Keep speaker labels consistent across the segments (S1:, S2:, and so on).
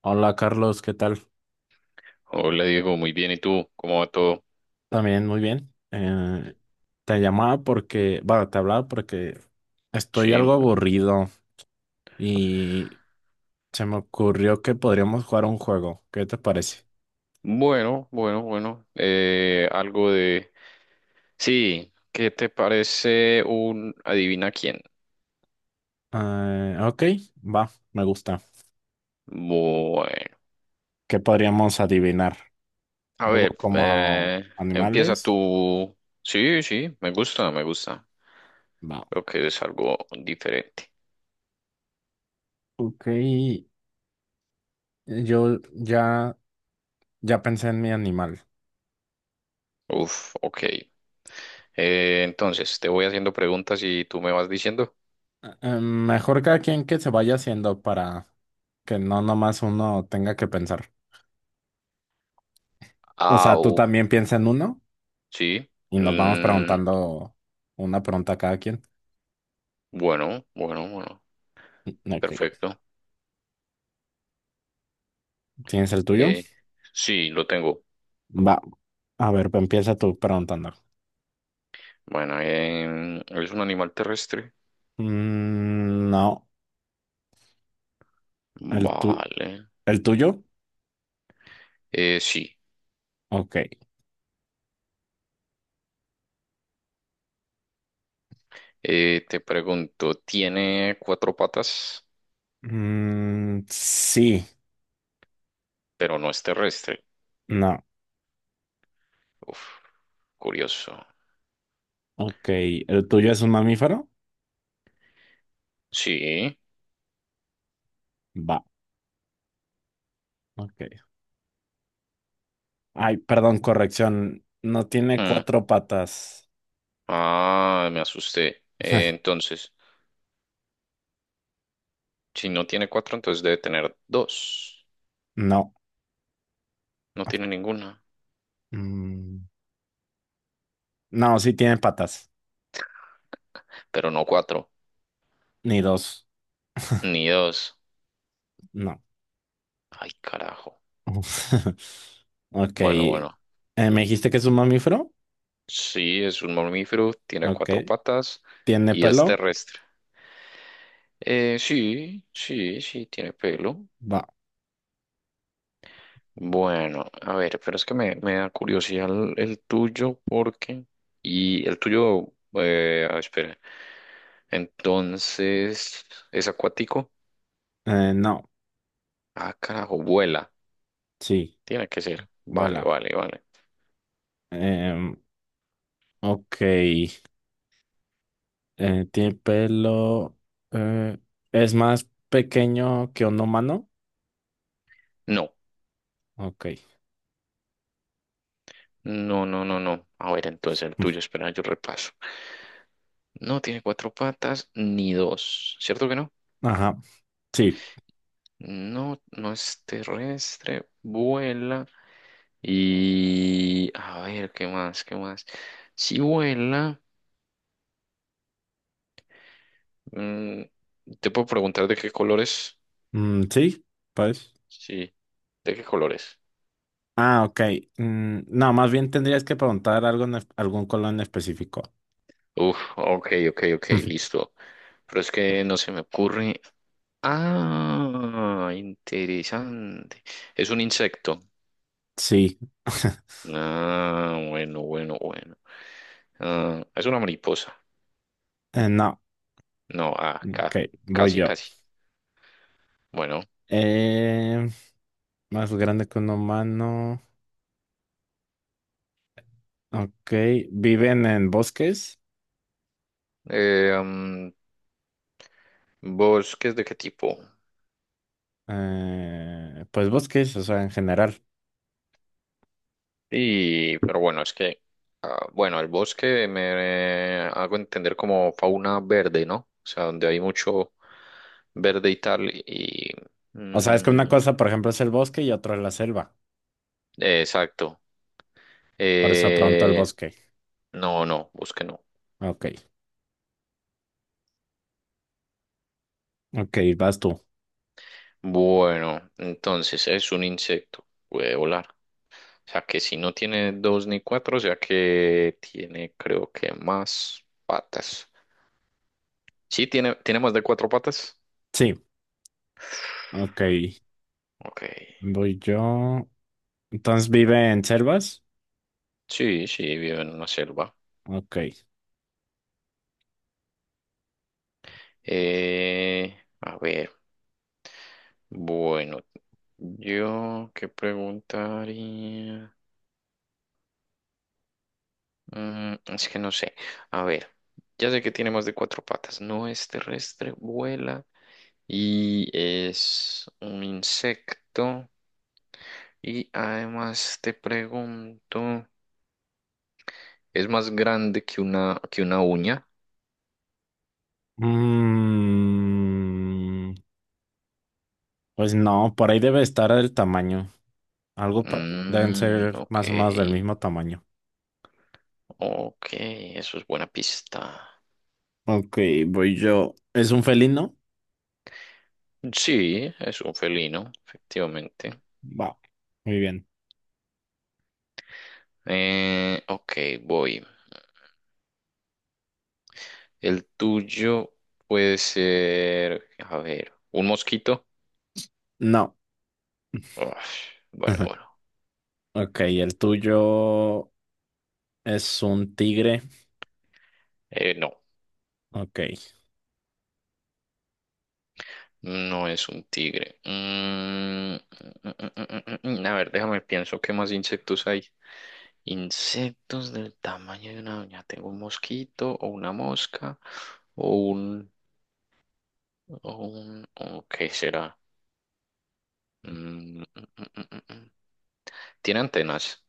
S1: Hola Carlos, ¿qué tal?
S2: Hola Diego, muy bien. ¿Y tú? ¿Cómo va todo?
S1: También muy bien. Te llamaba porque, bueno, te hablaba porque estoy algo
S2: Sí.
S1: aburrido y se me ocurrió que podríamos jugar un juego. ¿Qué te parece?
S2: Bueno, bueno, bueno. Algo de... Sí, ¿qué te parece un adivina quién?
S1: Ok, va, me gusta.
S2: Bueno.
S1: ¿Qué podríamos adivinar?
S2: A
S1: ¿Algo
S2: ver,
S1: como
S2: empieza
S1: animales?
S2: tú. Sí, sí, me gusta, me gusta.
S1: Va.
S2: Creo que es algo diferente.
S1: Ok, yo ya, ya pensé en mi animal.
S2: Uf, ok. Entonces, te voy haciendo preguntas y tú me vas diciendo.
S1: Mejor cada quien que se vaya haciendo para que no nomás uno tenga que pensar. O
S2: Ah,
S1: sea, tú también piensa en uno
S2: sí.
S1: y nos vamos
S2: Mm,
S1: preguntando una pregunta a cada quien.
S2: bueno, bueno, bueno.
S1: Mm, ok.
S2: Perfecto.
S1: ¿Tienes el tuyo?
S2: Eh, sí, lo tengo.
S1: Va. A ver, pues empieza tú preguntando.
S2: Bueno, ¿es un animal terrestre?
S1: Mm, no. ¿El tu
S2: Vale.
S1: ¿El tuyo?
S2: Sí.
S1: Ok.
S2: Te pregunto, ¿tiene cuatro patas?
S1: Mm, sí.
S2: Pero no es terrestre.
S1: No.
S2: Uf, curioso.
S1: Ok. ¿El tuyo es un mamífero?
S2: Sí.
S1: Va. Ok. Ay, perdón, corrección. No tiene
S2: Hmm.
S1: cuatro patas.
S2: Ah, me asusté. Entonces, si no tiene cuatro, entonces debe tener dos.
S1: No.
S2: No tiene ninguna.
S1: Mm, no, sí tiene patas.
S2: Pero no cuatro,
S1: Ni dos.
S2: ni dos.
S1: No.
S2: Ay, carajo.
S1: Ok.
S2: Bueno, bueno.
S1: ¿Me dijiste que es un mamífero?
S2: Sí, es un mamífero, tiene
S1: Ok.
S2: cuatro patas
S1: ¿Tiene
S2: y es
S1: pelo?
S2: terrestre. Sí, sí, sí, tiene pelo.
S1: Va.
S2: Bueno, a ver, pero es que me da curiosidad el tuyo porque... Y el tuyo, espera. Entonces, ¿es acuático?
S1: No.
S2: Ah, carajo, vuela.
S1: Sí.
S2: Tiene que ser. Vale,
S1: Vuela.
S2: vale, vale.
S1: Em, ok. ¿Tiene pelo? Eh, ¿Es más pequeño que un humano?
S2: No,
S1: Ok.
S2: no, no, no, no. A ver, entonces el
S1: Mm.
S2: tuyo, espera, yo repaso. No tiene cuatro patas ni dos. ¿Cierto que no?
S1: Ajá. Sí.
S2: No, no es terrestre, vuela y a ver, ¿qué más? ¿Qué más? Si vuela, mm, te puedo preguntar de qué colores.
S1: Mm, sí. Pues.
S2: Sí, ¿de qué colores?
S1: Ah, ok. Mm, no, más bien tendrías que preguntar algo en algún color en específico.
S2: Uf, ok, ok, ok, listo. Pero es que no se me ocurre. Ah, interesante. Es un insecto.
S1: Sí.
S2: Ah, bueno, bueno, bueno. Ah, es una mariposa.
S1: No.
S2: No,
S1: Ok. Voy
S2: casi,
S1: yo.
S2: casi. Bueno.
S1: Eh, Más grande que un humano. Ok. Viven en bosques.
S2: eh, mm, ¿Bosques de qué tipo?
S1: Pues bosques, o sea, en general.
S2: Y, pero bueno, bueno, el bosque me hago entender como fauna verde, ¿no? O sea, donde hay mucho verde y tal,
S1: O sea, es que una
S2: mm,
S1: cosa, por ejemplo, es el bosque y otra es la selva.
S2: exacto.
S1: Por eso pronto el
S2: Eh,
S1: bosque.
S2: no, no, bosque no.
S1: Ok. Ok, vas tú.
S2: Bueno, entonces es un insecto, puede volar. O sea que si no tiene dos ni cuatro, o sea que tiene creo que más patas. Sí, tiene más de cuatro patas.
S1: Sí. Ok.
S2: Ok.
S1: Voy yo. Entonces vive en selvas.
S2: Sí, sí, vivo en una selva.
S1: Ok.
S2: Eh, a ver, bueno, yo qué preguntaría. Mm, es que no sé. A ver, ya sé que tiene más de cuatro patas. No es terrestre, vuela y es un insecto. Y además te pregunto, ¿es más grande que que una uña?
S1: Mm, pues no, por ahí debe estar el tamaño. Deben
S2: Mm,
S1: ser
S2: ok,
S1: más o menos del mismo tamaño.
S2: ok, eso es buena pista.
S1: Ok, voy yo. ¿Es un felino?
S2: Sí, es un felino, efectivamente.
S1: Wow, muy bien.
S2: Ok, voy. El tuyo puede ser, a ver, un mosquito.
S1: No.
S2: Uf, bueno, bueno.
S1: Ok, el tuyo es un tigre.
S2: No,
S1: Ok.
S2: no es un tigre. Mm, mm, mm, mm, mm, mm, mm, mm, mm, mm, a ver, déjame pienso qué más insectos hay. Insectos del tamaño de una uña. Tengo un mosquito o una mosca o un, o un, o ¿qué será? Mm, mm, mm, mm, mm, mm. ¿Tiene antenas?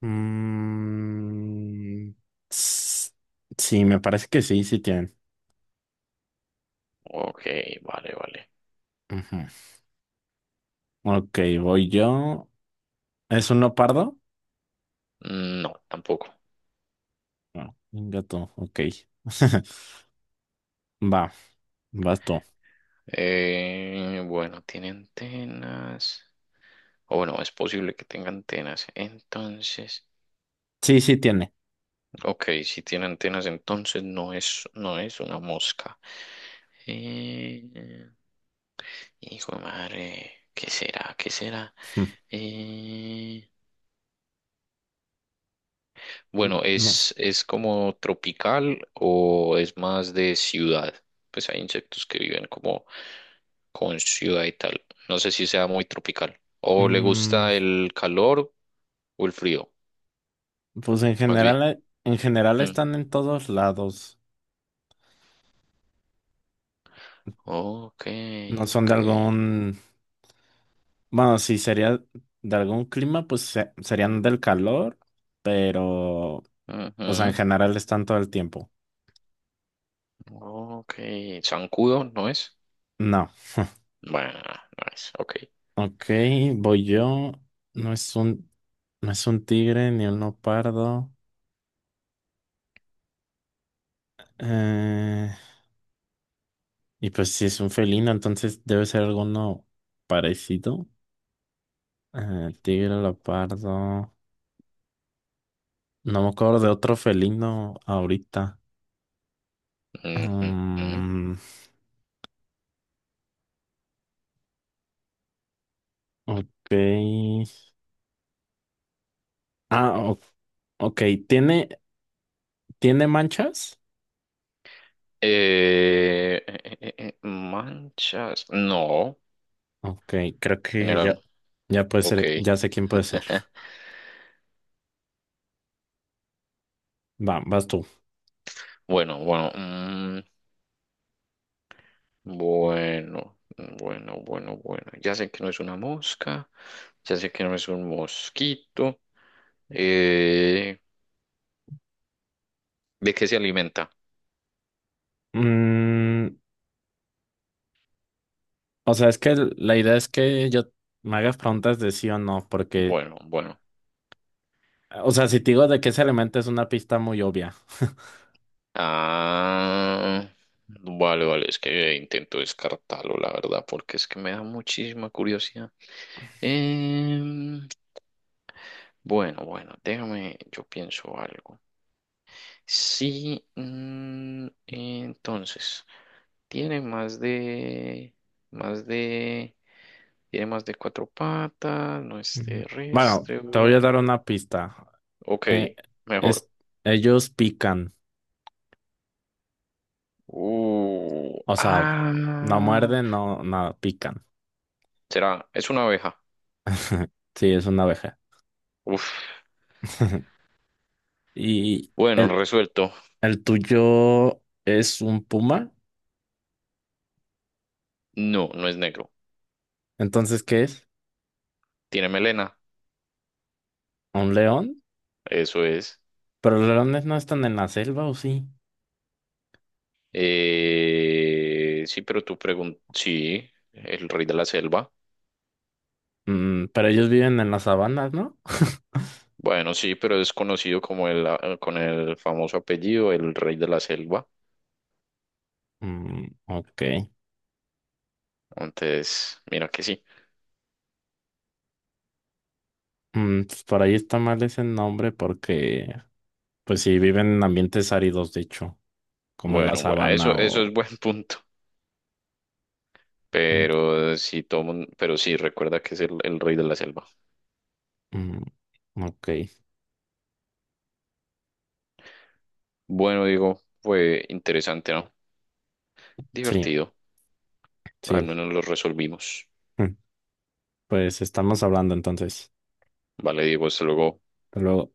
S1: Mm, s- sí, me parece que sí, sí tienen.
S2: Ok, vale, vale.
S1: Ujú. Ok, voy yo. ¿Es un leopardo?
S2: No, tampoco.
S1: No, un gato. Ok. Va, vas tú.
S2: Bueno, tiene antenas. O bueno, es posible que tenga antenas. Entonces,
S1: Sí, sí tiene.
S2: ok, si tiene antenas, entonces no es una mosca. Eh, Hijo de madre, ¿qué será? ¿Qué será? Eh, bueno,
S1: No.
S2: ¿es como tropical o es más de ciudad? Pues hay insectos que viven como con ciudad y tal. No sé si sea muy tropical. ¿O le
S1: Mm,
S2: gusta el calor o el frío?
S1: pues
S2: Más bien.
S1: en general
S2: Mm.
S1: están en todos lados.
S2: Ok,
S1: No son
S2: ok.
S1: de algún. Bueno, si sería de algún clima, pues serían del calor, pero, o sea, en
S2: Ujú.
S1: general están todo el tiempo.
S2: Ok. ¿Zancudo no es?
S1: No.
S2: Bueno, no es. Ok.
S1: Ok, voy yo. No es un, no es un tigre ni un leopardo. Eh, y pues si es un felino, entonces debe ser alguno parecido. Tigre, leopardo. No me acuerdo de otro felino ahorita.
S2: Ujú.
S1: Mm, ok. Ah, o- ok. Tiene ¿Tiene manchas?
S2: Manchas. No,
S1: Ok, creo que ya,
S2: general.
S1: ya puede
S2: Ok.
S1: ser, ya sé quién puede ser. Va, vas tú.
S2: Bueno, bueno, mm, bueno, bueno, bueno, bueno. Ya sé que no es una mosca, ya sé que no es un mosquito. Eh, ¿De qué se alimenta?
S1: Mm, o sea, es que la idea es que yo me hagas preguntas de sí o no, porque,
S2: Bueno, bueno.
S1: o sea, si te digo de qué se alimenta es una pista muy obvia.
S2: Ah, vale, vale, es que intento descartarlo, la verdad, porque es que me da muchísima curiosidad. Em, bueno, bueno, déjame, yo pienso algo. Sí, mm, entonces, tiene más de, más de, tiene más de cuatro patas, no es
S1: Mm, bueno,
S2: terrestre,
S1: te voy a
S2: bueno.
S1: dar una pista.
S2: Ok,
S1: Eh,
S2: mejor.
S1: es, ellos pican,
S2: Uh,
S1: o sea, no
S2: ah,
S1: muerden, no, nada, pican.
S2: será, es una abeja.
S1: Sí, es una abeja.
S2: Uf,
S1: ¿Y
S2: bueno, resuelto.
S1: el tuyo es un puma?
S2: No, no es negro.
S1: Entonces, ¿qué es?
S2: Tiene melena,
S1: ¿Un león?
S2: eso es.
S1: Pero los leones no están en la selva, ¿o sí?
S2: Sí, pero tú preguntas, sí, el rey de la selva.
S1: Mm, pero ellos viven en las sabanas, ¿no?
S2: Bueno, sí, pero es conocido como con el famoso apellido, el rey de la selva.
S1: Mm, ok.
S2: Entonces, mira que sí.
S1: Mm, pues por ahí está mal ese nombre porque, pues sí, viven en ambientes áridos, de hecho, como en la
S2: Bueno, bueno, eso,
S1: sabana
S2: eso es
S1: o...
S2: buen punto.
S1: Mm,
S2: Pero sí, pero sí, recuerda que es el rey de la selva.
S1: mm, ok,
S2: Bueno, digo, fue interesante, ¿no?
S1: sí,
S2: Divertido. Al
S1: sí.
S2: menos lo resolvimos.
S1: Mm. Pues estamos hablando entonces.
S2: Vale, Diego, hasta luego.
S1: Hasta luego.